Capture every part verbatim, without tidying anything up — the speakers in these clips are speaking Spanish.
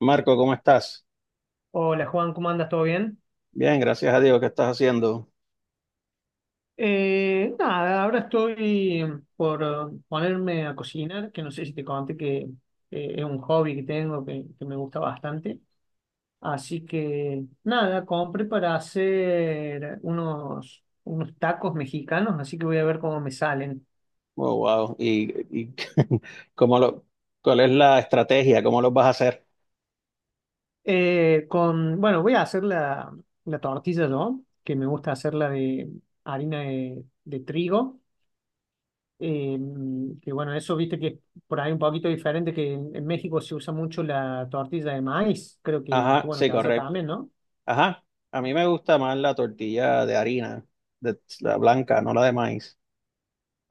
Marco, ¿cómo estás? Hola Juan, ¿cómo andas? ¿Todo bien? Bien, gracias a Dios. ¿Qué estás haciendo? Eh, nada, ahora estoy por ponerme a cocinar, que no sé si te conté que eh, es un hobby que tengo, que, que me gusta bastante. Así que nada, compré para hacer unos, unos tacos mexicanos, así que voy a ver cómo me salen. Oh, wow. ¿Y, y cómo lo, ¿cuál es la estrategia? ¿Cómo lo vas a hacer? Eh, con, bueno, voy a hacer la, la tortilla yo, que me gusta hacerla de harina de, de trigo. Eh, que bueno, eso viste que es por ahí un poquito diferente, que en, en México se usa mucho la tortilla de maíz, creo que, que Ajá, bueno, sí, que allá correcto. también, ¿no? Ajá, a mí me gusta más la tortilla de harina, de, la blanca, no la de maíz.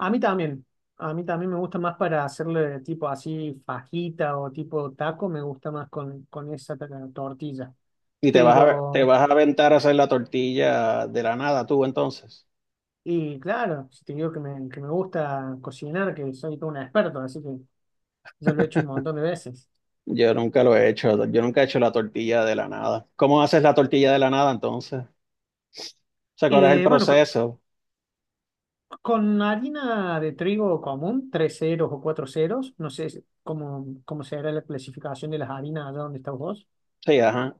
A mí también, a mí también me gusta más para hacerle tipo así fajita o tipo taco, me gusta más con, con esa ta- tortilla. ¿Y te vas a, te Pero, vas a aventar a hacer la tortilla de la nada tú entonces? y claro, si te digo que me, que me gusta cocinar, que soy todo un experto, así que ya lo he hecho un montón de veces. Yo nunca lo he hecho. Yo nunca he hecho la tortilla de la nada. ¿Cómo haces la tortilla de la nada entonces? O sea, ¿cuál es el Eh, bueno, co- proceso? Con harina de trigo común, tres ceros o cuatro ceros, no sé si- cómo, cómo será la clasificación de las harinas allá donde estás vos. Sí, ajá.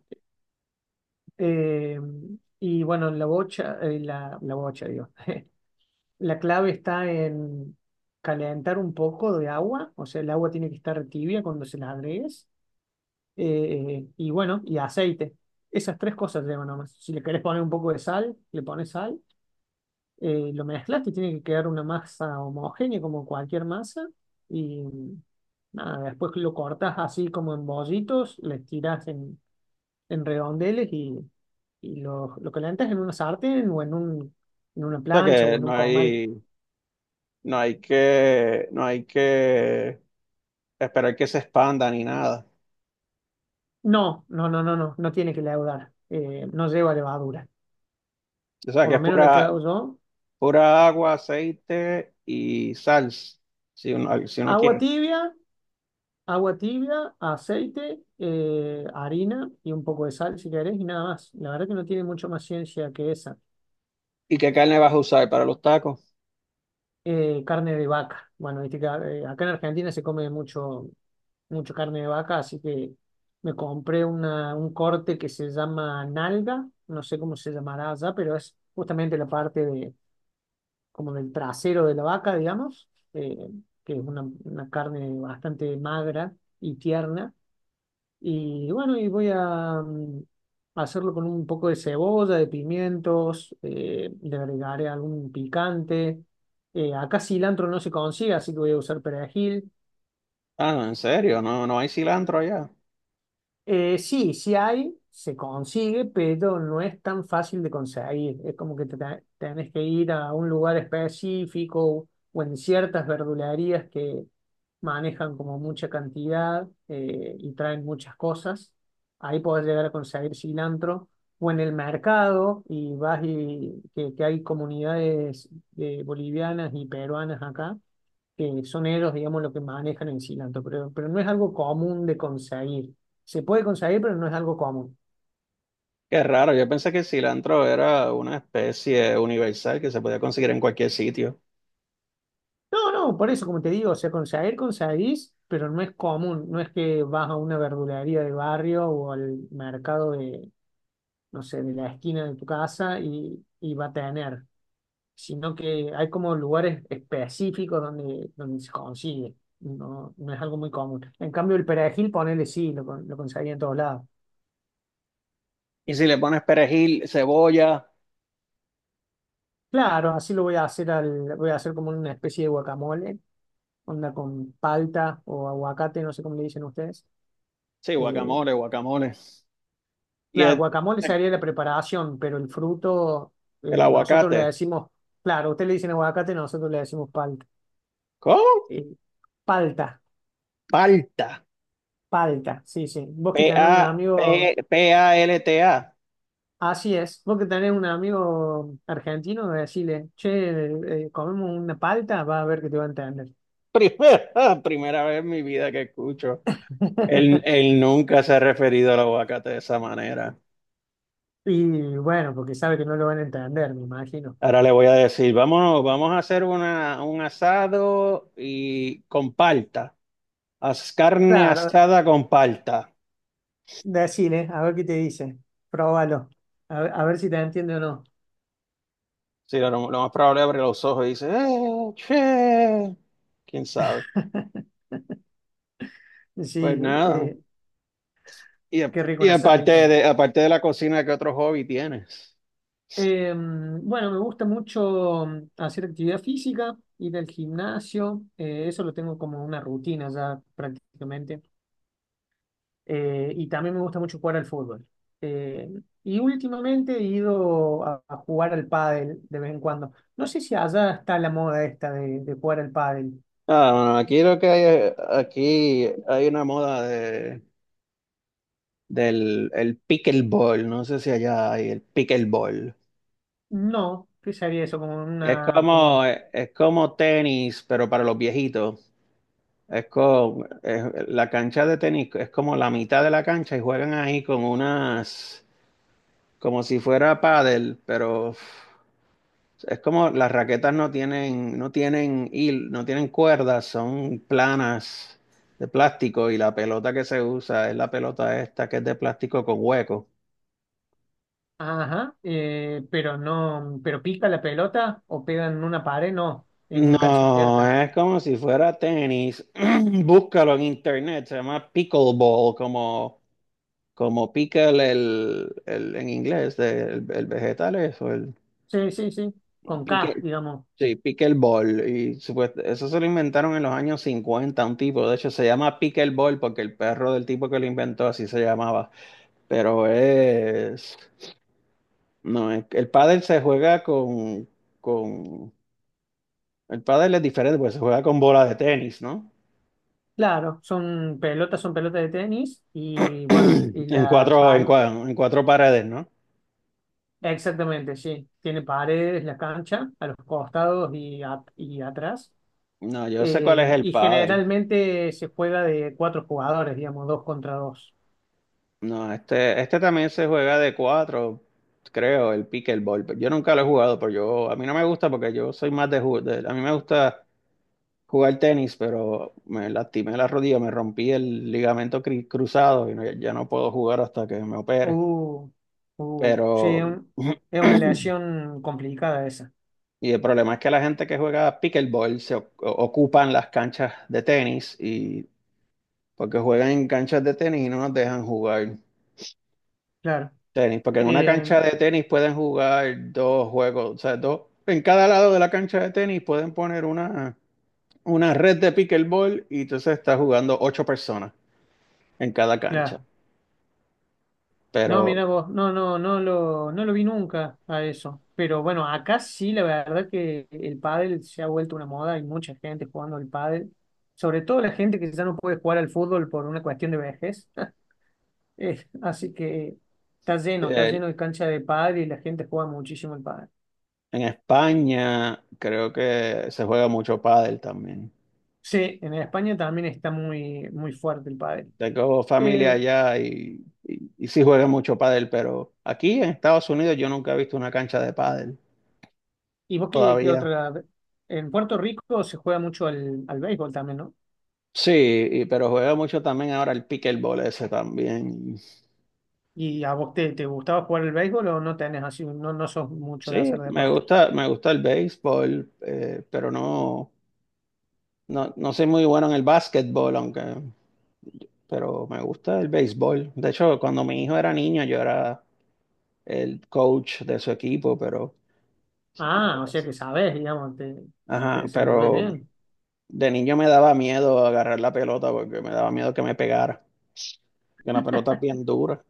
Eh, y bueno, la bocha, eh, la, la bocha, digo. La clave está en calentar un poco de agua, o sea, el agua tiene que estar tibia cuando se la agregues. Eh, y bueno, y aceite. Esas tres cosas llevan nomás. Si le querés poner un poco de sal, le pones sal. Eh, lo mezclas, te tiene que quedar una masa homogénea como cualquier masa y nada, después lo cortas así como en bollitos, le tiras en, en redondeles y, y lo, lo calentas en una sartén o en un, en una O sea plancha o que en no un comal. hay. No hay que, no hay que esperar que se expanda ni nada. No, no, no, no, no, no tiene que leudar, eh, no lleva levadura, O sea, por que lo es menos lo que pura, hago yo. pura agua, aceite y sal si uno, si uno Agua quiere. tibia, agua tibia, aceite, eh, harina y un poco de sal si querés y nada más. La verdad que no tiene mucho más ciencia que esa. ¿Y qué carne vas a usar para los tacos? Eh, carne de vaca. Bueno, viste que eh, acá en Argentina se come mucho, mucho carne de vaca, así que me compré una, un corte que se llama nalga, no sé cómo se llamará allá, pero es justamente la parte de, como del trasero de la vaca, digamos, eh, que es una, una carne bastante magra y tierna y bueno, y voy a mm, hacerlo con un poco de cebolla, de pimientos, eh, le agregaré algún picante. Eh, acá cilantro no se consigue, así que voy a usar perejil. Ah, no, en serio, no, no hay cilantro allá. Eh, sí, sí hay, se consigue, pero no es tan fácil de conseguir. Es como que te te- tenés que ir a un lugar específico o en ciertas verdulerías que manejan como mucha cantidad eh, y traen muchas cosas. Ahí podés llegar a conseguir cilantro o en el mercado y vas y que, que hay comunidades eh, bolivianas y peruanas acá que son ellos, digamos, lo que manejan el cilantro, pero, pero no es algo común de conseguir. Se puede conseguir, pero no es algo común. Qué raro, yo pensé que el cilantro era una especie universal que se podía conseguir en cualquier sitio. No, no, por eso, como te digo, o sea, conseguir, conseguís, pero no es común. No es que vas a una verdulería de barrio o al mercado de, no sé, de la esquina de tu casa y, y va a tener, sino que hay como lugares específicos donde, donde se consigue. No, no es algo muy común. En cambio, el perejil, ponele sí, lo, con- lo conseguí en todos lados. Y si le pones perejil, cebolla, Claro, así lo voy a hacer al, voy a hacer como una especie de guacamole, onda con palta o aguacate, no sé cómo le dicen ustedes. sí, Eh, guacamole, guacamole. Y claro, el, guacamole sería la preparación, pero el fruto, el eh, nosotros le aguacate, decimos, claro, ustedes le dicen aguacate, nosotros le decimos palta. ¿cómo? Eh, Palta, Palta. palta, sí, sí. Vos que tenés un P-A, amigo, P- P-A-L-T-A. Así es, vos que tenés un amigo argentino, decirle, che, eh, comemos una palta, va a ver que te va a entender. Primera, primera vez en mi vida que escucho. Él, él nunca se ha referido al aguacate de esa manera. Y bueno, porque sabe que no lo van a entender, me imagino. Ahora le voy a decir, vamos, vamos a hacer una, un asado y con palta. Haz carne Claro, asada con palta. decile, a ver qué te dice. Próbalo. A ver, a ver si te entiende o no. Sí, lo, lo más probable abre los ojos y dice, "Eh, che". ¿Quién sabe? Pues Sí, nada. eh, Y, a- qué rico y un aparte asadito. de, aparte de la cocina, ¿qué otro hobby tienes? Eh, bueno, me gusta mucho mm, hacer actividad física, ir al gimnasio. Eh, eso lo tengo como una rutina ya prácticamente. Eh, y también me gusta mucho jugar al fútbol. Eh, y últimamente he ido a, a jugar al pádel de vez en cuando. No sé si allá está la moda esta de, de jugar al pádel. Ah, bueno, aquí lo que hay, aquí hay una moda de, del el pickleball, no sé si allá hay el pickleball. No, ¿qué sería eso? Como Es una, como como, un- eh, es como tenis, pero para los viejitos. Es como, es- la cancha de tenis es como la mitad de la cancha y juegan ahí con unas, como si fuera pádel, pero es como las raquetas no tienen, no tienen hil- no tienen cuerdas, son planas de plástico y la pelota que se usa es la pelota esta que es de plástico con hueco. ajá, eh, pero no, pero pica la pelota o pegan en una pared, no, es una cancha No, abierta. es como si fuera tenis. Búscalo en internet, se llama pickleball, como, como pickle el, el- en inglés, de- el, el vegetal eso el Sí, sí, sí, con K, pique. digamos. Sí, pickleball. Y supuest- eso se lo inventaron en los años cincuenta un tipo. De hecho, se llama pickleball porque el perro del tipo que lo inventó así se llamaba. Pero es... No, el, el pádel se juega con, con... El pádel es diferente porque se juega con bola de tenis, ¿no? Claro, son pelotas, son pelotas de tenis y bueno, y En la cuatro, en pal, cua- en cuatro paredes, ¿no? exactamente, sí. Tiene paredes la cancha a los costados y, a- y atrás. No, yo sé cuál es Eh, el Y pádel. generalmente se juega de cuatro jugadores, digamos, dos contra dos. No, este, este también se juega de cuatro, creo, el pickleball. Pero yo nunca lo he jugado, pero yo, a mí no me gusta porque yo soy más de, ju- de- a mí me gusta jugar tenis, pero me lastimé la rodilla, me rompí el ligamento cri- cruzado y no- ya no puedo jugar hasta que me opere. Uh, uh, sí, Pero un- es una aleación complicada esa. y el problema es que la gente que juega pickleball se o- ocupan las canchas de tenis y porque juegan en canchas de tenis y no nos dejan jugar. Claro. Tenis, porque en una Eh, cancha de tenis pueden jugar dos juegos, o sea, dos, en cada lado de la cancha de tenis pueden poner una, una red de pickleball y entonces está jugando ocho personas en cada cancha. claro. No, Pero mira vos, no, no, no lo, no lo vi nunca a eso. Pero bueno, acá sí, la verdad que el pádel se ha vuelto una moda, hay mucha gente jugando al pádel, sobre todo la gente que ya no puede jugar al fútbol por una cuestión de vejez. Eh, así que está lleno, está eh, lleno de cancha de pádel y la gente juega muchísimo el pádel. en España creo que se juega mucho pádel también. Sí, en España también está muy, muy fuerte el pádel. Tengo familia Eh, allá y, y, y sí juega mucho pádel, pero aquí en Estados Unidos yo nunca he visto una cancha de pádel ¿y vos qué, qué todavía. otra? En Puerto Rico se juega mucho al, al béisbol también, no Sí, y pero juega mucho también ahora el pickleball ese también. ¿y a vos te, te gustaba jugar el béisbol o no tenés así, no, no sos mucho de Sí, hacer me deporte? gusta, me gusta el béisbol, eh, pero no, no, no soy muy bueno en el básquetbol, aunque, pero me gusta el béisbol. De hecho, cuando mi hijo era niño, yo era el coach de su equipo, pero, Ah, o sea que sabés, digamos, te, te ajá, desenvolvés pero bien. de niño me daba miedo agarrar la pelota porque me daba miedo que me pegara, que la pelota es bien dura.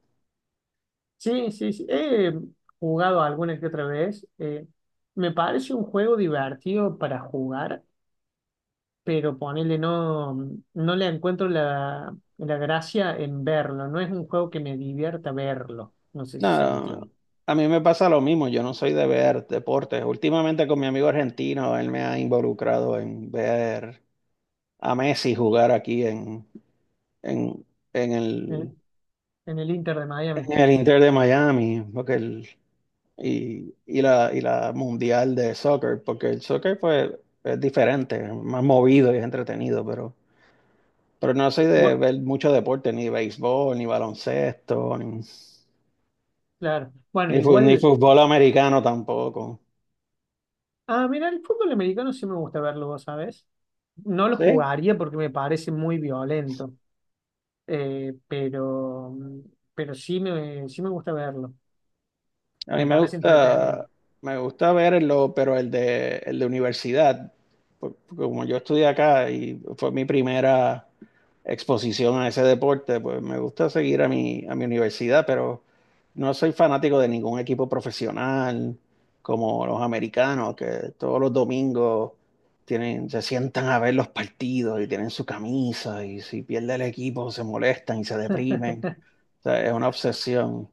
Sí, sí, sí. He jugado alguna que otra vez. Eh, me parece un juego divertido para jugar, pero ponele no, no le encuentro la, la gracia en verlo. No es un juego que me divierta verlo. No sé si se No, entiende. a mí me pasa lo mismo, yo no soy de ver deportes. Últimamente con mi amigo argentino, él me ha involucrado en ver a Messi jugar aquí en, en, en Eh, el, En el Inter de Miami. en el Inter de Miami, porque el, y, y la, y la Mundial de Soccer, porque el soccer pues es diferente, es más movido y es entretenido, pero, pero no soy de Bueno, ver mucho deporte, ni béisbol, ni baloncesto, ni, claro. Bueno, ni, fu- ni igual. fútbol americano tampoco. Ah, mira, el fútbol americano sí me gusta verlo, vos sabés. No lo Sí, jugaría porque me parece muy violento, eh, pero, mm, pero sí me, sí me gusta verlo. a mí Me me parece entretenido. gusta, me gusta verlo, pero el de, el de universidad, por- porque como yo estudié acá y fue mi primera exposición a ese deporte, pues me gusta seguir a mi, a mi universidad, pero no soy fanático de ningún equipo profesional como los americanos, que todos los domingos tienen, se sientan a ver los partidos y tienen su camisa y si pierde el equipo se molestan y se deprimen. O sea, es una obsesión.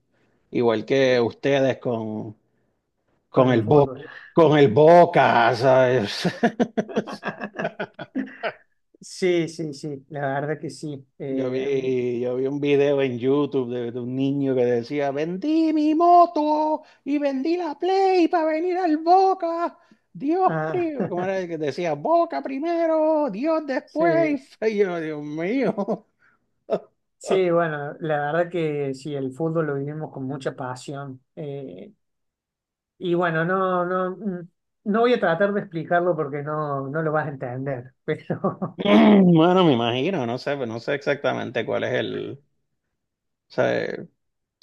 Igual que ustedes con, Con con el el Bo- fútbol. con el Boca, ¿sabes? Sí, sí, sí, la verdad que sí. Yo Eh, vi, yo vi un video en YouTube de, de un niño que decía, vendí mi moto y vendí la Play para venir al Boca. Dios ah, primero, ¿cómo era el que decía? Boca primero, Dios sí, después. Y yo, Dios mío. sí, bueno, la verdad que sí, el fútbol lo vivimos con mucha pasión. Eh, Y bueno, no, no, mm, no voy a tratar de explicarlo porque no, no lo vas a entender, pero Bueno, me imagino, no sé, no sé exactamente cuál es el... o sea,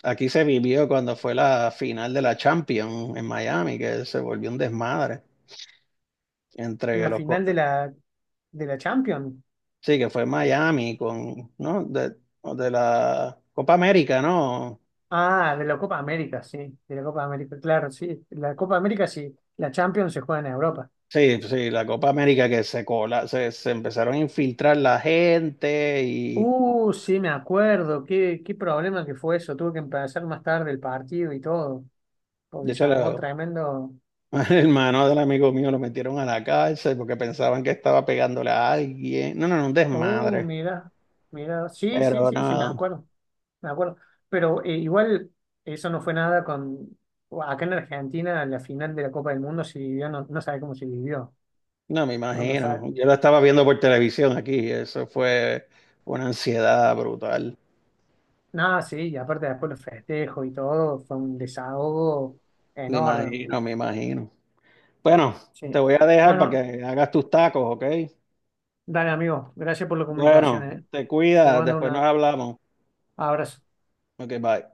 aquí se vivió cuando fue la final de la Champions en Miami, que se volvió un desmadre entre la los... final de la, de la Champions. Sí, que fue en Miami con, ¿no? De, de la Copa América, ¿no? Ah, de la Copa América, sí, de la Copa América, claro, sí, la Copa América sí, la Champions se juega en Europa. Sí, sí, la Copa América que se cola, se, se empezaron a infiltrar la gente y Uh, sí, me acuerdo, qué, qué problema que fue eso, tuve que empezar más tarde el partido y todo, porque de se hecho armó la- tremendo, el hermano del amigo mío lo metieron a la cárcel porque pensaban que estaba pegándole a alguien. No, no, no, un oh, desmadre. mira, mira, sí, sí, Pero sí, sí, me no, acuerdo, me acuerdo. Pero eh, igual eso no fue nada con... Acá en Argentina, en la final de la Copa del Mundo se vivió, no, no sabe cómo se vivió. no me Cuando sabe... imagino. Yo lo estaba viendo por televisión aquí, eso fue una ansiedad brutal. Nada, sí, y aparte después los festejos y todo, fue un desahogo Me enorme. imagino, me imagino. Bueno, te Sí. voy a dejar para Bueno, que hagas tus tacos, ¿ok? dale amigo, gracias por la comunicación, Bueno, eh. te Te cuidas, mando un después nos hablamos. abrazo. Ok, bye.